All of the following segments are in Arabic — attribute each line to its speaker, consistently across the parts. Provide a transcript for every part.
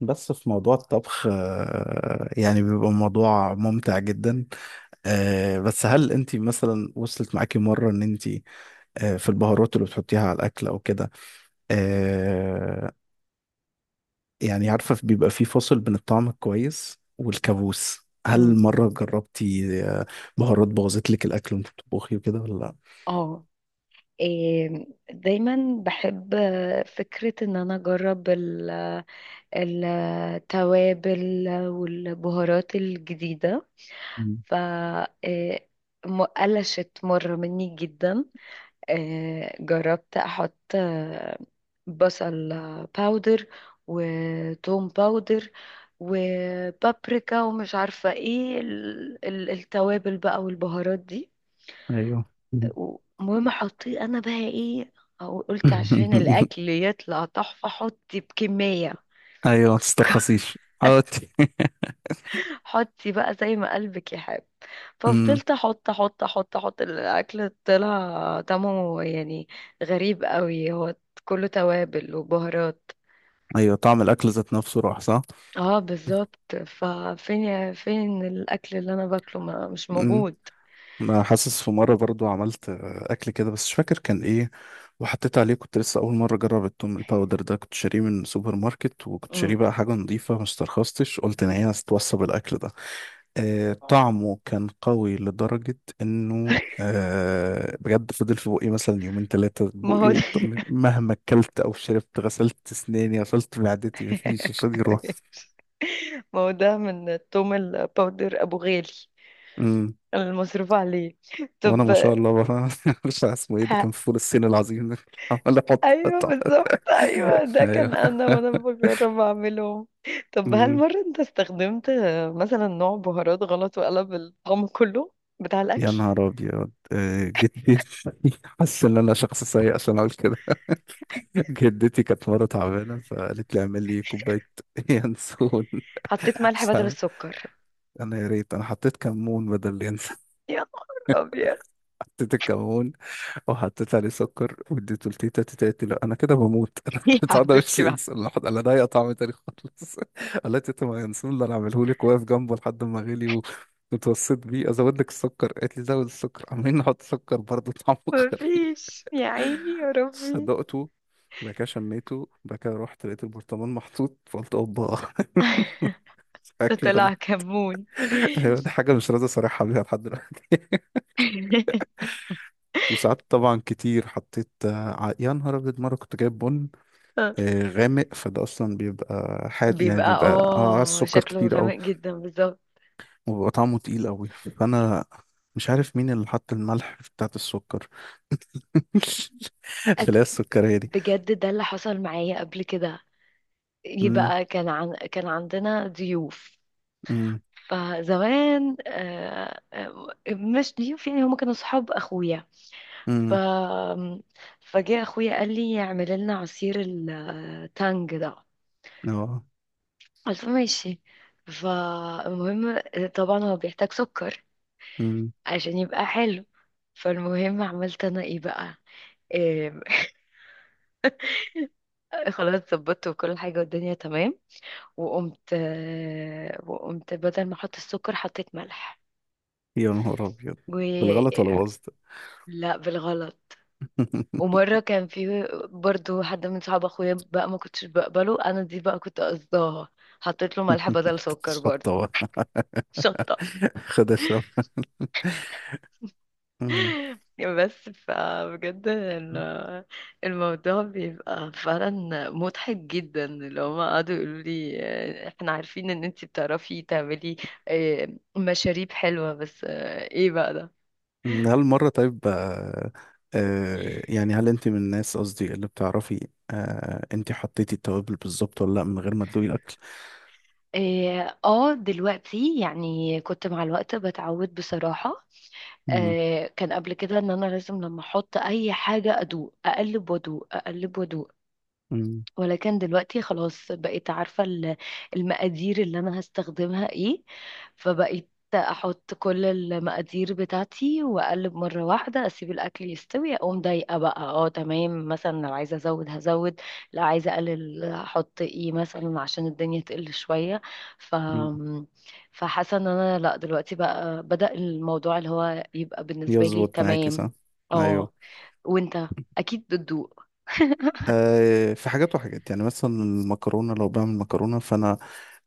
Speaker 1: بس في موضوع الطبخ، يعني بيبقى موضوع ممتع جدا. بس هل انت مثلا وصلت معاكي مرة ان انت، في البهارات اللي بتحطيها على الاكل او كده؟ آه، يعني عارفة بيبقى في فصل بين الطعم الكويس والكابوس، هل
Speaker 2: مم.
Speaker 1: مرة جربتي بهارات بوظت لك الاكل وانت بتطبخي وكده ولا لا؟
Speaker 2: اه، إيه، دايما بحب فكرة ان انا اجرب التوابل والبهارات الجديدة.
Speaker 1: مم.
Speaker 2: ف إيه، قلشت مرة مني جدا. جربت احط بصل باودر وتوم باودر وبابريكا ومش عارفة ايه التوابل بقى والبهارات دي.
Speaker 1: ايوه.
Speaker 2: المهم حطيه انا بقى ايه؟ أو قلت عشان الاكل يطلع تحفه حطي بكميه،
Speaker 1: ايوه، ما تسترخصيش. عودتي.
Speaker 2: حطي بقى زي ما قلبك يحب.
Speaker 1: مم.
Speaker 2: ففضلت احط احط احط احط، الاكل طلع طعمه يعني غريب قوي، هو كله توابل وبهارات.
Speaker 1: ايوه، طعم الاكل ذات نفسه راح، صح؟
Speaker 2: اه بالظبط، ففين فين الاكل اللي انا باكله؟ ما مش موجود.
Speaker 1: انا حاسس في مره برضو عملت اكل كده بس مش فاكر كان ايه، وحطيت عليه. كنت لسه اول مره اجرب التوم الباودر ده، كنت شاريه من سوبر ماركت وكنت
Speaker 2: مم.
Speaker 1: شاريه بقى حاجه نظيفه، ما استرخصتش، قلت ان هي هتتوصى بالاكل ده. آه، طعمه كان قوي لدرجه انه بجد فضل في بقي مثلا يومين ثلاثه
Speaker 2: ما هو
Speaker 1: بقي
Speaker 2: ده.
Speaker 1: مهما اكلت او شربت، غسلت اسناني غسلت معدتي، مفيش، مش راضي يروح.
Speaker 2: ما هو ده من التوم الباودر ابو غالي
Speaker 1: امم.
Speaker 2: المصروف عليه.
Speaker 1: وانا
Speaker 2: طب،
Speaker 1: ما شاء الله بقى مش عارف اسمه ايه، ده كان
Speaker 2: ه-
Speaker 1: فول الصين العظيم ده. عمال احط،
Speaker 2: ايوه بالظبط، ايوه ده
Speaker 1: ايوه.
Speaker 2: كان انا وانا بجرب اعملهم. طب هل
Speaker 1: أمم.
Speaker 2: مرة انت استخدمت مثلا نوع بهارات غلط وقلب الطعم كله بتاع
Speaker 1: يا
Speaker 2: الاكل؟
Speaker 1: نهار ابيض، جدتي. حاسس ان انا شخص سيء عشان اقول كده. جدتي كانت مره تعبانه فقالت لي اعمل لي كوبايه ينسون.
Speaker 2: حطيت ملح بدل السكر.
Speaker 1: فانا يا ريت انا حطيت كمون بدل اليانسون.
Speaker 2: يا نهار ابيض.
Speaker 1: حطيت الكمون، وحطيت عليه سكر واديته لتيتا. تيتا قالت لي لا، انا كده بموت. انا
Speaker 2: يا
Speaker 1: البتاع ده مش
Speaker 2: حبيبتي بقى،
Speaker 1: ينسى، لحد انا ده طعم تاني خالص. قال لها تيتا، ما ينسون اللي انا عامله لك، واقف جنبه لحد ما غلي واتوسط بيه ازود لك السكر. قالت لي زود السكر، عمالين نحط سكر برضه طعمه غريب.
Speaker 2: مفيش يا عيني يا ربي.
Speaker 1: صدقته، وبعد كده شميته، وبعد كده رحت لقيت البرطمان محطوط، فقلت اوبا.
Speaker 2: ده
Speaker 1: شكلي
Speaker 2: طلع
Speaker 1: غلط.
Speaker 2: كمون.
Speaker 1: ايوه، دي حاجه مش راضي اصارحها بيها لحد دلوقتي. وساعات طبعا كتير حطيت يا نهار ابيض، مره كنت جايب بن غامق، فده اصلا بيبقى حاد يعني
Speaker 2: بيبقى
Speaker 1: بيبقى، اه
Speaker 2: اه
Speaker 1: السكر
Speaker 2: شكله
Speaker 1: كتير قوي،
Speaker 2: غامق جدا بالظبط.
Speaker 1: وبيبقى طعمه تقيل قوي. فانا مش عارف مين اللي حط الملح بتاعت السكر. تلاقي
Speaker 2: أت-
Speaker 1: السكرية دي.
Speaker 2: بجد ده اللي حصل معايا قبل كده،
Speaker 1: امم.
Speaker 2: يبقى كان عندنا ضيوف.
Speaker 1: امم.
Speaker 2: فزمان مش ضيوف، يعني هم كانوا صحاب اخويا. ف
Speaker 1: امم.
Speaker 2: فجاء اخويا قال لي اعمل لنا عصير التانج ده.
Speaker 1: اه.
Speaker 2: قلت له ماشي. فالمهم، طبعا هو بيحتاج سكر
Speaker 1: امم.
Speaker 2: عشان يبقى حلو. فالمهم عملت انا ايه بقى؟ إيه، خلاص ظبطت وكل حاجة والدنيا تمام. وقمت بدل ما احط السكر حطيت ملح.
Speaker 1: يا نهار ابيض، بالغلط
Speaker 2: و
Speaker 1: ولا باظت؟
Speaker 2: لا، بالغلط. ومرة كان في برضو حد من صحاب اخويا بقى ما كنتش بقبله، انا دي بقى كنت قصداها، حطيت له ملح بدل سكر برضو.
Speaker 1: تتشطب.
Speaker 2: شطة.
Speaker 1: خد اشرب. مم.
Speaker 2: بس فبجد الموضوع بيبقى فعلا مضحك جدا، اللي هما قعدوا يقولوا لي احنا عارفين ان انتي بتعرفي تعملي آه، مشاريب حلوة، بس ايه بقى ده؟
Speaker 1: مم، هل مرة طيب آه يعني هل انت من الناس، قصدي اللي بتعرفي آه، انت حطيتي التوابل بالظبط ولا لا من غير ما تدوقي الاكل؟
Speaker 2: اه دلوقتي يعني كنت مع الوقت بتعود بصراحة.
Speaker 1: مم،
Speaker 2: كان قبل كده ان انا لازم لما احط اي حاجه ادوق اقلب وادوق اقلب وادوق.
Speaker 1: مم،
Speaker 2: ولكن دلوقتي خلاص بقيت عارفة المقادير اللي أنا هستخدمها إيه. فبقيت أحط كل المقادير بتاعتي وأقلب مرة واحدة، أسيب الأكل يستوي، أقوم ضايقة بقى أه تمام، مثلا لو عايزة أزود هزود، لو عايزة أقلل أحط إيه مثلا عشان الدنيا تقل شوية. ف
Speaker 1: مم.
Speaker 2: فحاسة إن أنا لأ، دلوقتي بقى بدأ الموضوع اللي هو يبقى بالنسبة لي
Speaker 1: يظبط معاكي،
Speaker 2: تمام.
Speaker 1: صح؟
Speaker 2: أه.
Speaker 1: ايوه.
Speaker 2: وأنت أكيد بتدوق.
Speaker 1: آه في حاجات وحاجات. يعني مثلا المكرونة، لو بعمل مكرونة فانا،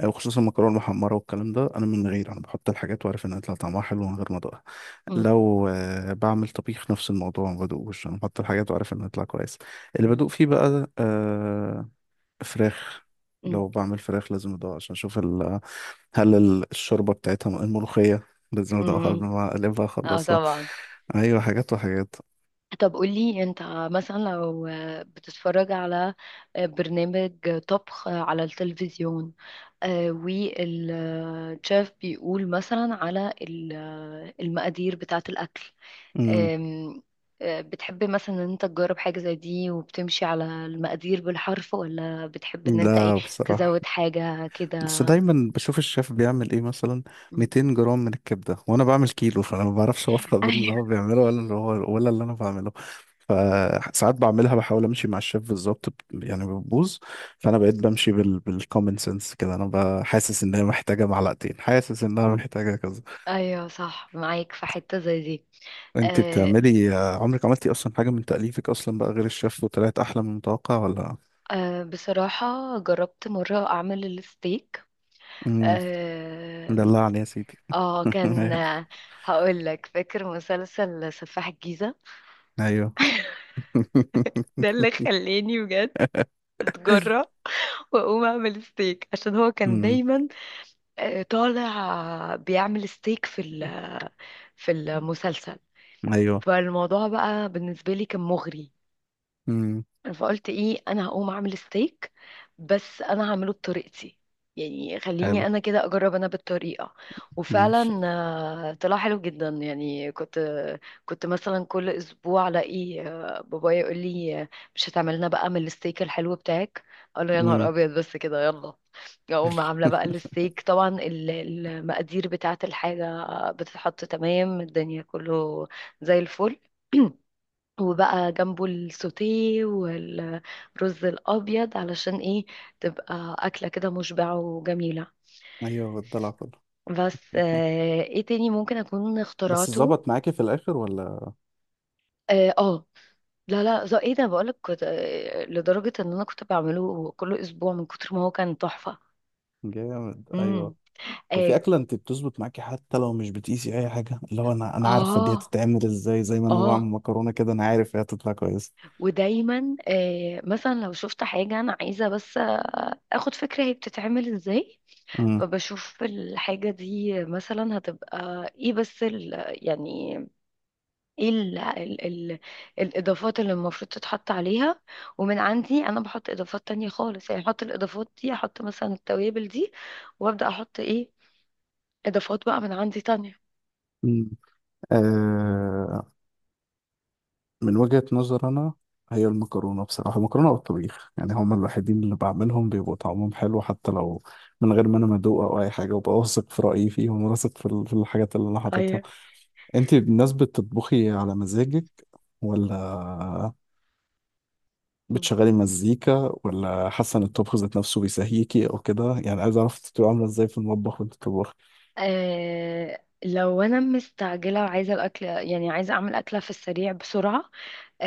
Speaker 1: وخصوصا المكرونة المحمرة والكلام ده، انا من غير، انا بحط الحاجات وعارف انها هيطلع طعمها حلو من غير ما ادوقها.
Speaker 2: مم.
Speaker 1: لو بعمل طبيخ نفس الموضوع، ما بدوقوش، انا بحط الحاجات وعارف انها هتطلع كويس. اللي بدوق فيه بقى آه، فراخ.
Speaker 2: مم.
Speaker 1: لو بعمل فراخ لازم ادوق عشان اشوف ال... هل الشوربه بتاعتها، الملوخيه، لازم ادوقها قبل
Speaker 2: مم.
Speaker 1: ما اقلبها
Speaker 2: اه
Speaker 1: اخلصها.
Speaker 2: طبعا.
Speaker 1: ايوه، حاجات وحاجات.
Speaker 2: طب قولي انت، مثلا لو بتتفرج على برنامج طبخ على التلفزيون، والشيف بيقول مثلا على المقادير بتاعة الأكل،
Speaker 1: امم.
Speaker 2: آم، آه، بتحب مثلا ان انت تجرب حاجة زي دي وبتمشي على المقادير بالحرف، ولا بتحب ان انت ايه
Speaker 1: لا بصراحه،
Speaker 2: تزود حاجة كده؟
Speaker 1: بس دايما بشوف الشيف بيعمل ايه، مثلا
Speaker 2: مم.
Speaker 1: 200 جرام من الكبده، وانا بعمل كيلو. فانا ما بعرفش اوفق بين اللي
Speaker 2: ايوه.
Speaker 1: هو بيعمله ولا اللي هو ولا اللي انا بعمله. فساعات بعملها بحاول امشي مع الشيف بالظبط يعني بتبوظ. فانا بقيت بمشي بال بالكومن سنس كده، انا حاسس انها محتاجه معلقتين، حاسس انها محتاجه كذا.
Speaker 2: ايوه صح، معاك في حته زي دي.
Speaker 1: انت
Speaker 2: آه،
Speaker 1: بتعملي، عمرك عملتي اصلا حاجه من تاليفك اصلا بقى غير الشيف وطلعت احلى من المتوقع، ولا؟
Speaker 2: أه بصراحة جربت مرة أعمل الستيك.
Speaker 1: امم.
Speaker 2: اه.
Speaker 1: دلعني يا سيدي.
Speaker 2: كان، هقول لك، فاكر مسلسل سفاح الجيزة؟
Speaker 1: ايوه.
Speaker 2: ده اللي خلاني بجد اتجرأ واقوم اعمل ستيك، عشان هو كان
Speaker 1: امم.
Speaker 2: دايما طالع بيعمل ستيك في المسلسل.
Speaker 1: ايوه.
Speaker 2: فالموضوع بقى بالنسبة لي كان مغري.
Speaker 1: امم.
Speaker 2: فقلت ايه، انا هقوم اعمل ستيك، بس انا هعمله بطريقتي، يعني خليني
Speaker 1: حلو.
Speaker 2: انا كده اجرب انا بالطريقه.
Speaker 1: ماشي.
Speaker 2: وفعلا طلع حلو جدا، يعني كنت مثلا كل اسبوع الاقي بابايا يقول لي مش هتعمل لنا بقى من الستيك الحلو بتاعك؟ اقول له يا نهار
Speaker 1: امم.
Speaker 2: ابيض، بس كده، يلا. اقوم عامله بقى الستيك، طبعا المقادير بتاعه الحاجه بتتحط تمام، الدنيا كله زي الفل. وبقى جنبه السوتيه والرز الابيض، علشان ايه؟ تبقى اكله كده مشبعه وجميله.
Speaker 1: ايوه، بالضلع كله.
Speaker 2: بس ايه تاني ممكن اكون
Speaker 1: بس
Speaker 2: اخترعته.
Speaker 1: ظبط معاكي في الاخر ولا؟
Speaker 2: اه لا لا زي ايه، ده بقولك كنت لدرجه ان انا كنت بعمله كل اسبوع من كتر ما هو كان تحفه.
Speaker 1: جامد،
Speaker 2: امم.
Speaker 1: ايوه. طب
Speaker 2: اه.
Speaker 1: في اكله انت بتظبط معاكي حتى لو مش بتقيسي اي حاجه، اللي هو، انا عارفه دي
Speaker 2: اه.
Speaker 1: هتتعمل ازاي، زي ما انا بعمل
Speaker 2: آه.
Speaker 1: مكرونه كده انا عارف هي هتطلع كويسه.
Speaker 2: ودايما مثلا لو شفت حاجه انا عايزه، بس اخد فكره هي بتتعمل ازاي،
Speaker 1: امم.
Speaker 2: فبشوف الحاجة دي مثلا هتبقى ايه، بس يعني ايه، ال ال ال الإضافات اللي المفروض تتحط عليها، ومن عندي أنا بحط إضافات تانية خالص. يعني أحط الإضافات دي، أحط مثلا التوابل دي، وأبدأ أحط ايه، إضافات بقى من عندي تانية.
Speaker 1: امم. آه، من وجهه نظر انا، هي المكرونه، بصراحه المكرونه والطبيخ يعني هما الوحيدين اللي بعملهم بيبقوا طعمهم حلو حتى لو من غير ما انا مدوق او اي حاجه، وببقى واثق في رايي فيهم، واثق في في الحاجات اللي انا حاططها.
Speaker 2: أيوه.
Speaker 1: انت الناس بتطبخي على مزاجك، ولا بتشغلي مزيكا، ولا حاسه ان الطبخ ذات نفسه بيسهيكي او كده؟ يعني عايز اعرف انت بتبقي عامله ازاي في المطبخ وانت بتطبخي.
Speaker 2: لو انا مستعجله وعايزه الاكل، يعني عايزه اعمل اكله في السريع بسرعه،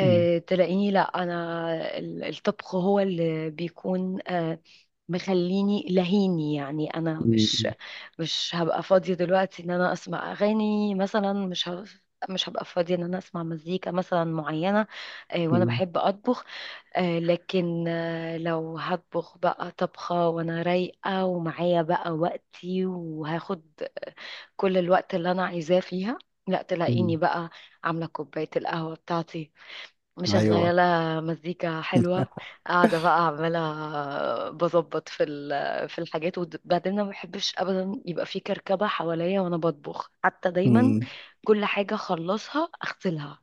Speaker 1: مم.
Speaker 2: تلاقيني لا، انا الطبخ هو اللي بيكون مخليني لهيني، يعني انا مش
Speaker 1: مم.
Speaker 2: مش هبقى فاضية دلوقتي ان انا اسمع اغاني مثلا، مش هبقى فاضية ان انا اسمع مزيكا مثلا معينة. وانا
Speaker 1: مم.
Speaker 2: بحب اطبخ. لكن لو هطبخ بقى طبخة وانا رايقة ومعايا بقى وقتي، وهاخد كل الوقت اللي انا عايزاه فيها، لا تلاقيني
Speaker 1: مم.
Speaker 2: بقى عاملة كوباية القهوة بتاعتي،
Speaker 1: ايوه.
Speaker 2: مشغلة مزيكا حلوة، قاعدة بقى عمالة بظبط في الحاجات. وبعدين أنا ما بحبش أبدا يبقى في كركبة حواليا وأنا بطبخ، حتى دايما
Speaker 1: مم.
Speaker 2: كل حاجة أخلصها أغسلها.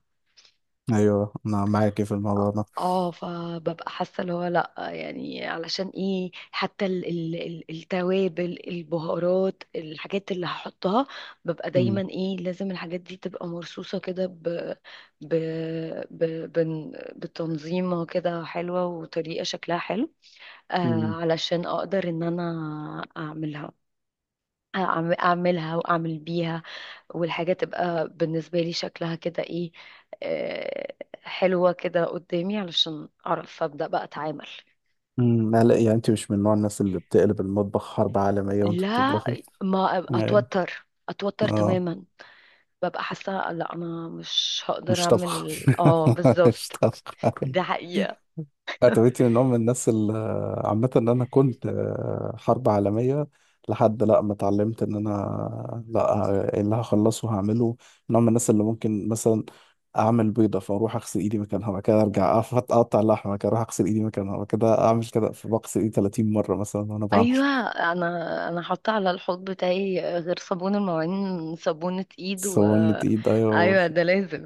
Speaker 1: ايوه انا معاكي في الموضوع ده.
Speaker 2: اه، فببقى حاسه اللي هو لا، يعني علشان ايه، حتى ال ال ال التوابل، البهارات، الحاجات اللي هحطها، ببقى دايما
Speaker 1: مم.
Speaker 2: ايه لازم الحاجات دي تبقى مرصوصه كده ب بتنظيمه كده حلوه وطريقه شكلها حلو،
Speaker 1: مم.
Speaker 2: علشان اقدر ان انا اعملها، اعملها واعمل بيها، والحاجة تبقى بالنسبة لي شكلها كده ايه، آه، حلوة كده قدامي، علشان اعرف ابدأ بقى اتعامل.
Speaker 1: مم. لا لا، يعني انت مش من نوع الناس اللي بتقلب المطبخ حرب عالميه وانت
Speaker 2: لا،
Speaker 1: بتطبخي.
Speaker 2: ما
Speaker 1: ايه.
Speaker 2: اتوتر اتوتر
Speaker 1: اه،
Speaker 2: تماما. ببقى حاسة لا، انا مش هقدر
Speaker 1: مش طبخ.
Speaker 2: اعمل، اه
Speaker 1: مش
Speaker 2: بالظبط.
Speaker 1: طبخ.
Speaker 2: دي حقيقة.
Speaker 1: اتويتي من ام الناس اللي، عامه ان انا كنت حرب عالميه لحد لا ما اتعلمت ان انا لا، إيه اللي هخلصه هعمله. من ام الناس اللي ممكن مثلا اعمل بيضه فاروح اغسل ايدي مكانها، بعد كده ارجع أقف اقطع لحمه، بعد كده اروح اغسل ايدي مكانها، بعد كده اعمل كده، فبغسل ايدي 30 مره مثلا وانا بعمل.
Speaker 2: ايوه، انا حاطة على الحوض بتاعي غير صابون المواعين صابونة ايد
Speaker 1: سخونة ايد،
Speaker 2: ايوه ده
Speaker 1: ايوه.
Speaker 2: لازم.